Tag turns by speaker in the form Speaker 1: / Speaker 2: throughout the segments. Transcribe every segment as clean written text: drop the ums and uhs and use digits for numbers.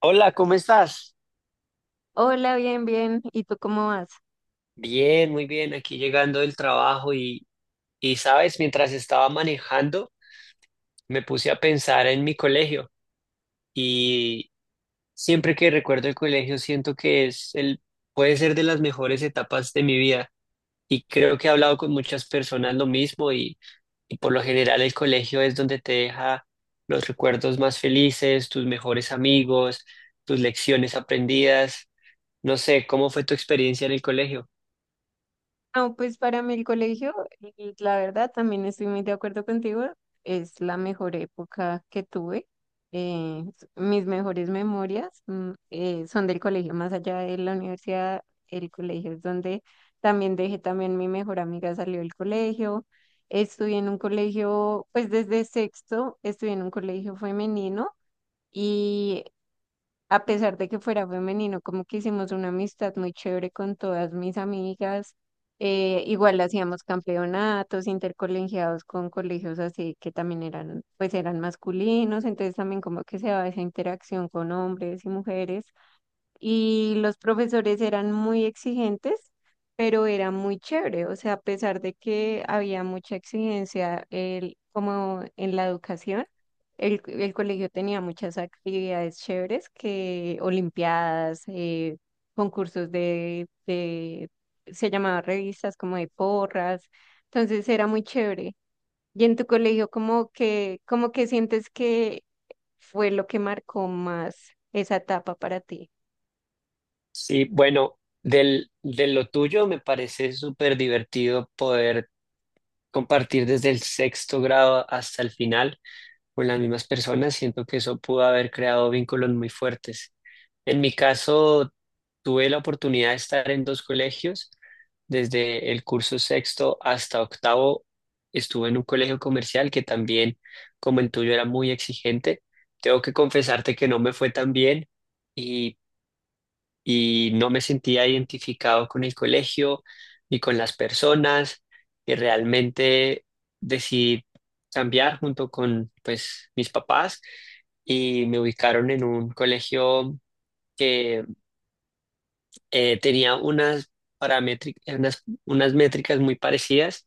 Speaker 1: Hola, ¿cómo estás?
Speaker 2: Hola, bien, bien. ¿Y tú cómo vas?
Speaker 1: Bien, muy bien, aquí llegando del trabajo y sabes, mientras estaba manejando, me puse a pensar en mi colegio y siempre que recuerdo el colegio siento que puede ser de las mejores etapas de mi vida y creo que he hablado con muchas personas lo mismo y por lo general el colegio es donde te deja los recuerdos más felices, tus mejores amigos, tus lecciones aprendidas. No sé, ¿cómo fue tu experiencia en el colegio?
Speaker 2: No, pues para mí el colegio, y la verdad, también estoy muy de acuerdo contigo, es la mejor época que tuve. Mis mejores memorias son del colegio, más allá de la universidad. El colegio es donde también dejé, también mi mejor amiga salió del colegio. Estudié en un colegio, pues desde sexto, estudié en un colegio femenino. Y a pesar de que fuera femenino, como que hicimos una amistad muy chévere con todas mis amigas. Igual hacíamos campeonatos intercolegiados con colegios así que también eran, pues eran masculinos, entonces también como que se daba esa interacción con hombres y mujeres, y los profesores eran muy exigentes, pero era muy chévere. O sea, a pesar de que había mucha exigencia como en la educación, el colegio tenía muchas actividades chéveres que olimpiadas, concursos se llamaban revistas como de porras. Entonces era muy chévere. Y en tu colegio, ¿cómo que sientes que fue lo que marcó más esa etapa para ti?
Speaker 1: Sí, bueno, de lo tuyo me parece súper divertido poder compartir desde el sexto grado hasta el final con las mismas personas. Siento que eso pudo haber creado vínculos muy fuertes. En mi caso, tuve la oportunidad de estar en dos colegios. Desde el curso sexto hasta octavo estuve en un colegio comercial que también, como el tuyo, era muy exigente. Tengo que confesarte que no me fue tan bien y y no me sentía identificado con el colegio ni con las personas y realmente decidí cambiar junto con pues mis papás y me ubicaron en un colegio que tenía unas métricas muy parecidas.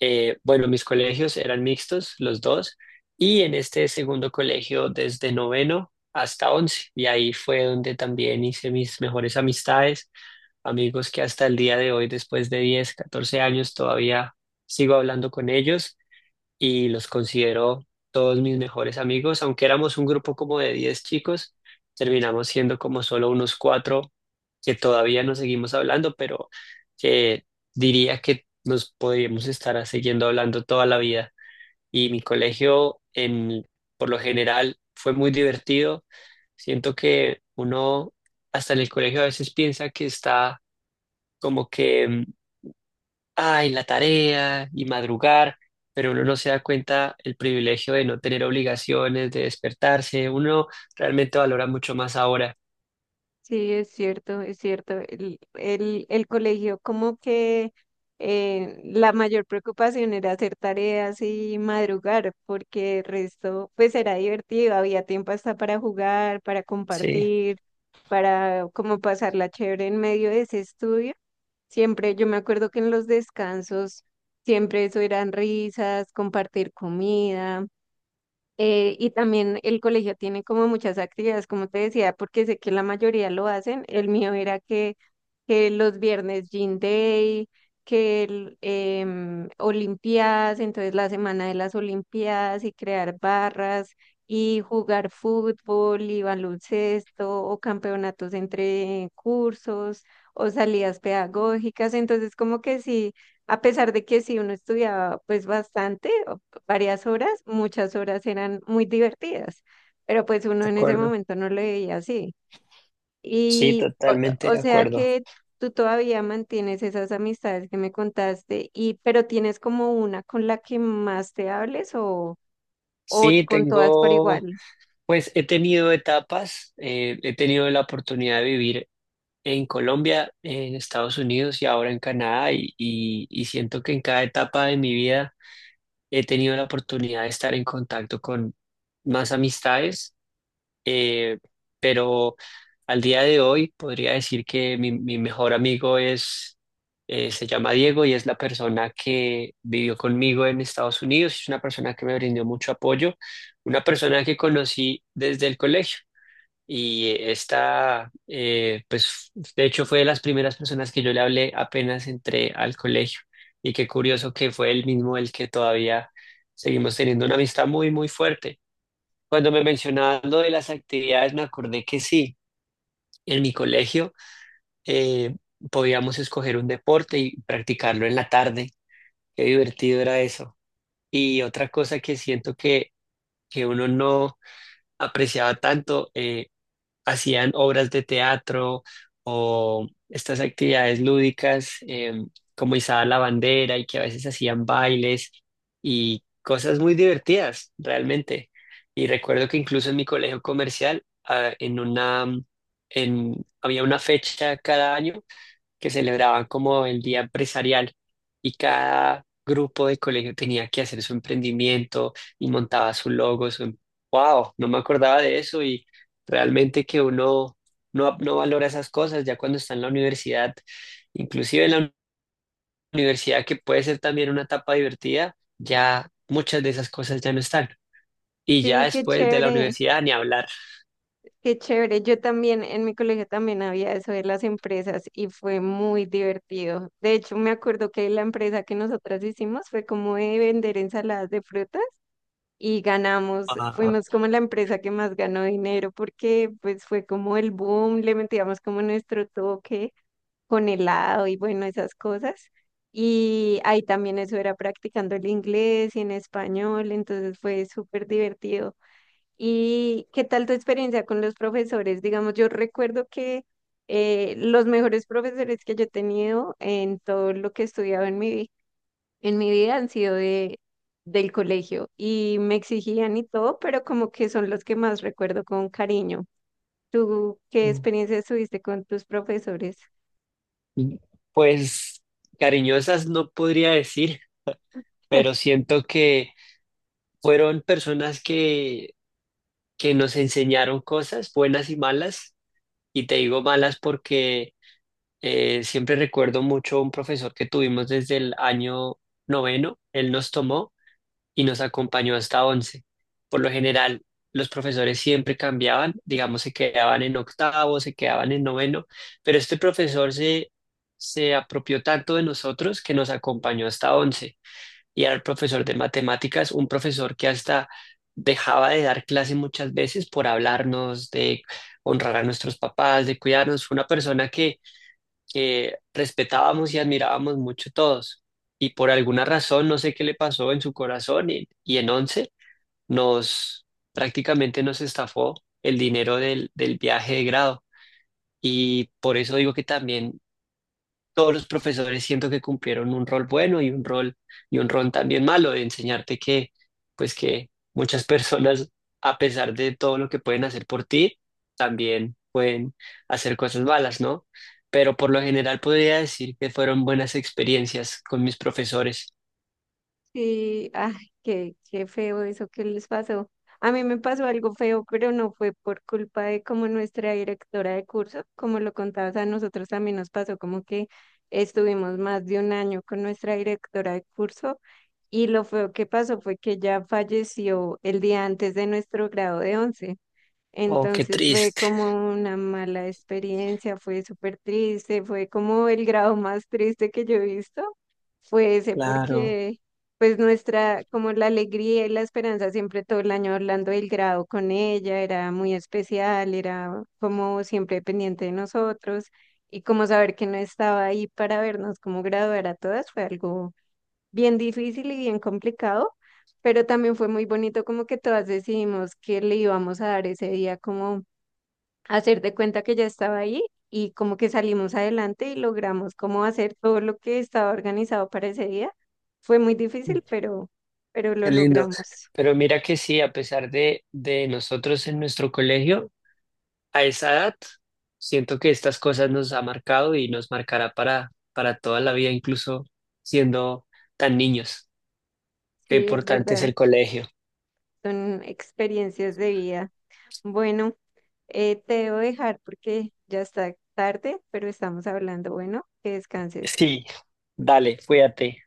Speaker 1: Bueno, mis colegios eran mixtos, los dos, y en este segundo colegio desde noveno hasta 11, y ahí fue donde también hice mis mejores amistades amigos que hasta el día de hoy, después de 10, 14 años, todavía sigo hablando con ellos y los considero todos mis mejores amigos. Aunque éramos un grupo como de 10 chicos, terminamos siendo como solo unos cuatro que todavía nos seguimos hablando, pero que diría que nos podríamos estar siguiendo hablando toda la vida. Y mi colegio, en, por lo general, fue muy divertido. Siento que uno hasta en el colegio a veces piensa que está como que, ay, la tarea y madrugar, pero uno no se da cuenta el privilegio de no tener obligaciones, de despertarse, uno realmente valora mucho más ahora.
Speaker 2: Sí, es cierto, es cierto. El colegio, como que la mayor preocupación era hacer tareas y madrugar, porque el resto, pues era divertido, había tiempo hasta para jugar, para
Speaker 1: Sí, de
Speaker 2: compartir, para como pasarla chévere en medio de ese estudio. Siempre, yo me acuerdo que en los descansos, siempre eso eran risas, compartir comida. Y también el colegio tiene como muchas actividades, como te decía, porque sé que la mayoría lo hacen. El mío era que los viernes Gym Day, que Olimpiadas, entonces la semana de las Olimpiadas y crear barras y jugar fútbol y baloncesto o campeonatos entre cursos o salidas pedagógicas. Entonces como que sí, a pesar de que sí uno estudiaba pues bastante varias horas, muchas horas eran muy divertidas, pero pues uno en ese
Speaker 1: acuerdo.
Speaker 2: momento no lo veía así.
Speaker 1: Sí,
Speaker 2: Y o,
Speaker 1: totalmente de
Speaker 2: o sea
Speaker 1: acuerdo.
Speaker 2: que tú todavía mantienes esas amistades que me contaste, y pero tienes como una con la que más te hables, o
Speaker 1: Sí,
Speaker 2: con todas por
Speaker 1: tengo,
Speaker 2: igual.
Speaker 1: pues he tenido etapas, he tenido la oportunidad de vivir en Colombia, en Estados Unidos y ahora en Canadá y siento que en cada etapa de mi vida he tenido la oportunidad de estar en contacto con más amistades eh, pero al día de hoy podría decir que mi mejor amigo se llama Diego y es la persona que vivió conmigo en Estados Unidos, es una persona que me brindó mucho apoyo, una persona que conocí desde el colegio. Y pues, de hecho fue de las primeras personas que yo le hablé apenas entré al colegio. Y qué curioso que fue él mismo el que todavía seguimos teniendo una amistad muy, muy fuerte. Cuando me mencionaban lo de las actividades, me acordé que sí, en mi colegio eh, podíamos escoger un deporte y practicarlo en la tarde. Qué divertido era eso. Y otra cosa que siento que uno no apreciaba tanto, hacían obras de teatro o estas actividades lúdicas como izar la bandera y que a veces hacían bailes y cosas muy divertidas realmente. Y recuerdo que incluso en mi colegio comercial, había una fecha cada año que celebraban como el día empresarial y cada grupo de colegio tenía que hacer su emprendimiento y montaba su logo, su... ¡Wow! No me acordaba de eso y realmente que uno no valora esas cosas ya cuando está en la universidad, inclusive en la universidad que puede ser también una etapa divertida, ya muchas de esas cosas ya no están. Y ya
Speaker 2: Sí, qué
Speaker 1: después de la
Speaker 2: chévere.
Speaker 1: universidad ni hablar.
Speaker 2: Qué chévere. Yo también, en mi colegio también había eso de las empresas y fue muy divertido. De hecho, me acuerdo que la empresa que nosotras hicimos fue como de vender ensaladas de frutas y ganamos,
Speaker 1: Ah,
Speaker 2: fuimos como la empresa que más ganó dinero porque pues fue como el boom, le metíamos como nuestro toque con helado y bueno, esas cosas. Y ahí también eso era practicando el inglés y en español, entonces fue súper divertido. ¿Y qué tal tu experiencia con los profesores? Digamos, yo recuerdo que los mejores profesores que yo he tenido en todo lo que he estudiado en mi vida han sido del colegio y me exigían y todo, pero como que son los que más recuerdo con cariño. ¿Tú qué experiencias tuviste con tus profesores?
Speaker 1: mm, Pues cariñosas no podría decir, pero siento que fueron personas que nos enseñaron cosas buenas y malas, y te digo malas porque siempre recuerdo mucho un profesor que tuvimos desde el año noveno, él nos tomó y nos acompañó hasta 11. Por lo general, los profesores siempre cambiaban, digamos, se quedaban en octavo, se quedaban en noveno, pero este profesor se apropió tanto de nosotros que nos acompañó hasta once y era el profesor de matemáticas, un profesor que hasta dejaba de dar clase muchas veces por hablarnos, de honrar a nuestros papás, de cuidarnos. Fue una persona que respetábamos y admirábamos mucho todos. Y por alguna razón, no sé qué le pasó en su corazón y en 11, nos prácticamente nos estafó el dinero del viaje de grado. Y por eso digo que también todos los profesores siento que cumplieron un rol bueno y un rol también malo de enseñarte que pues que muchas personas a pesar de todo lo que pueden hacer por ti también pueden hacer cosas malas, ¿no? Pero por lo general podría decir que fueron buenas experiencias con mis profesores.
Speaker 2: Sí, ay, qué feo eso que les pasó. A mí me pasó algo feo, pero no fue por culpa de como nuestra directora de curso, como lo contabas, a nosotros también nos pasó como que estuvimos más de un año con nuestra directora de curso y lo feo que pasó fue que ya falleció el día antes de nuestro grado de 11.
Speaker 1: Oh, qué
Speaker 2: Entonces fue
Speaker 1: triste,
Speaker 2: como una mala experiencia, fue súper triste, fue como el grado más triste que yo he visto, fue ese
Speaker 1: claro,
Speaker 2: porque pues nuestra, como la alegría y la esperanza siempre todo el año hablando del grado con ella, era muy especial, era como siempre pendiente de nosotros, y como saber que no estaba ahí para vernos como graduar a todas fue algo bien difícil y bien complicado, pero también fue muy bonito como que todas decidimos que le íbamos a dar ese día como hacer de cuenta que ya estaba ahí y como que salimos adelante y logramos como hacer todo lo que estaba organizado para ese día. Fue muy difícil, pero
Speaker 1: qué
Speaker 2: lo
Speaker 1: lindo.
Speaker 2: logramos.
Speaker 1: Pero mira que sí, a pesar de nosotros en nuestro colegio, a esa edad, siento que estas cosas nos ha marcado y nos marcará para toda la vida, incluso siendo tan niños. Qué
Speaker 2: Sí, es
Speaker 1: importante es
Speaker 2: verdad,
Speaker 1: el colegio.
Speaker 2: son experiencias de vida. Bueno, te debo dejar porque ya está tarde, pero estamos hablando. Bueno, que descanses.
Speaker 1: Sí, dale, cuídate.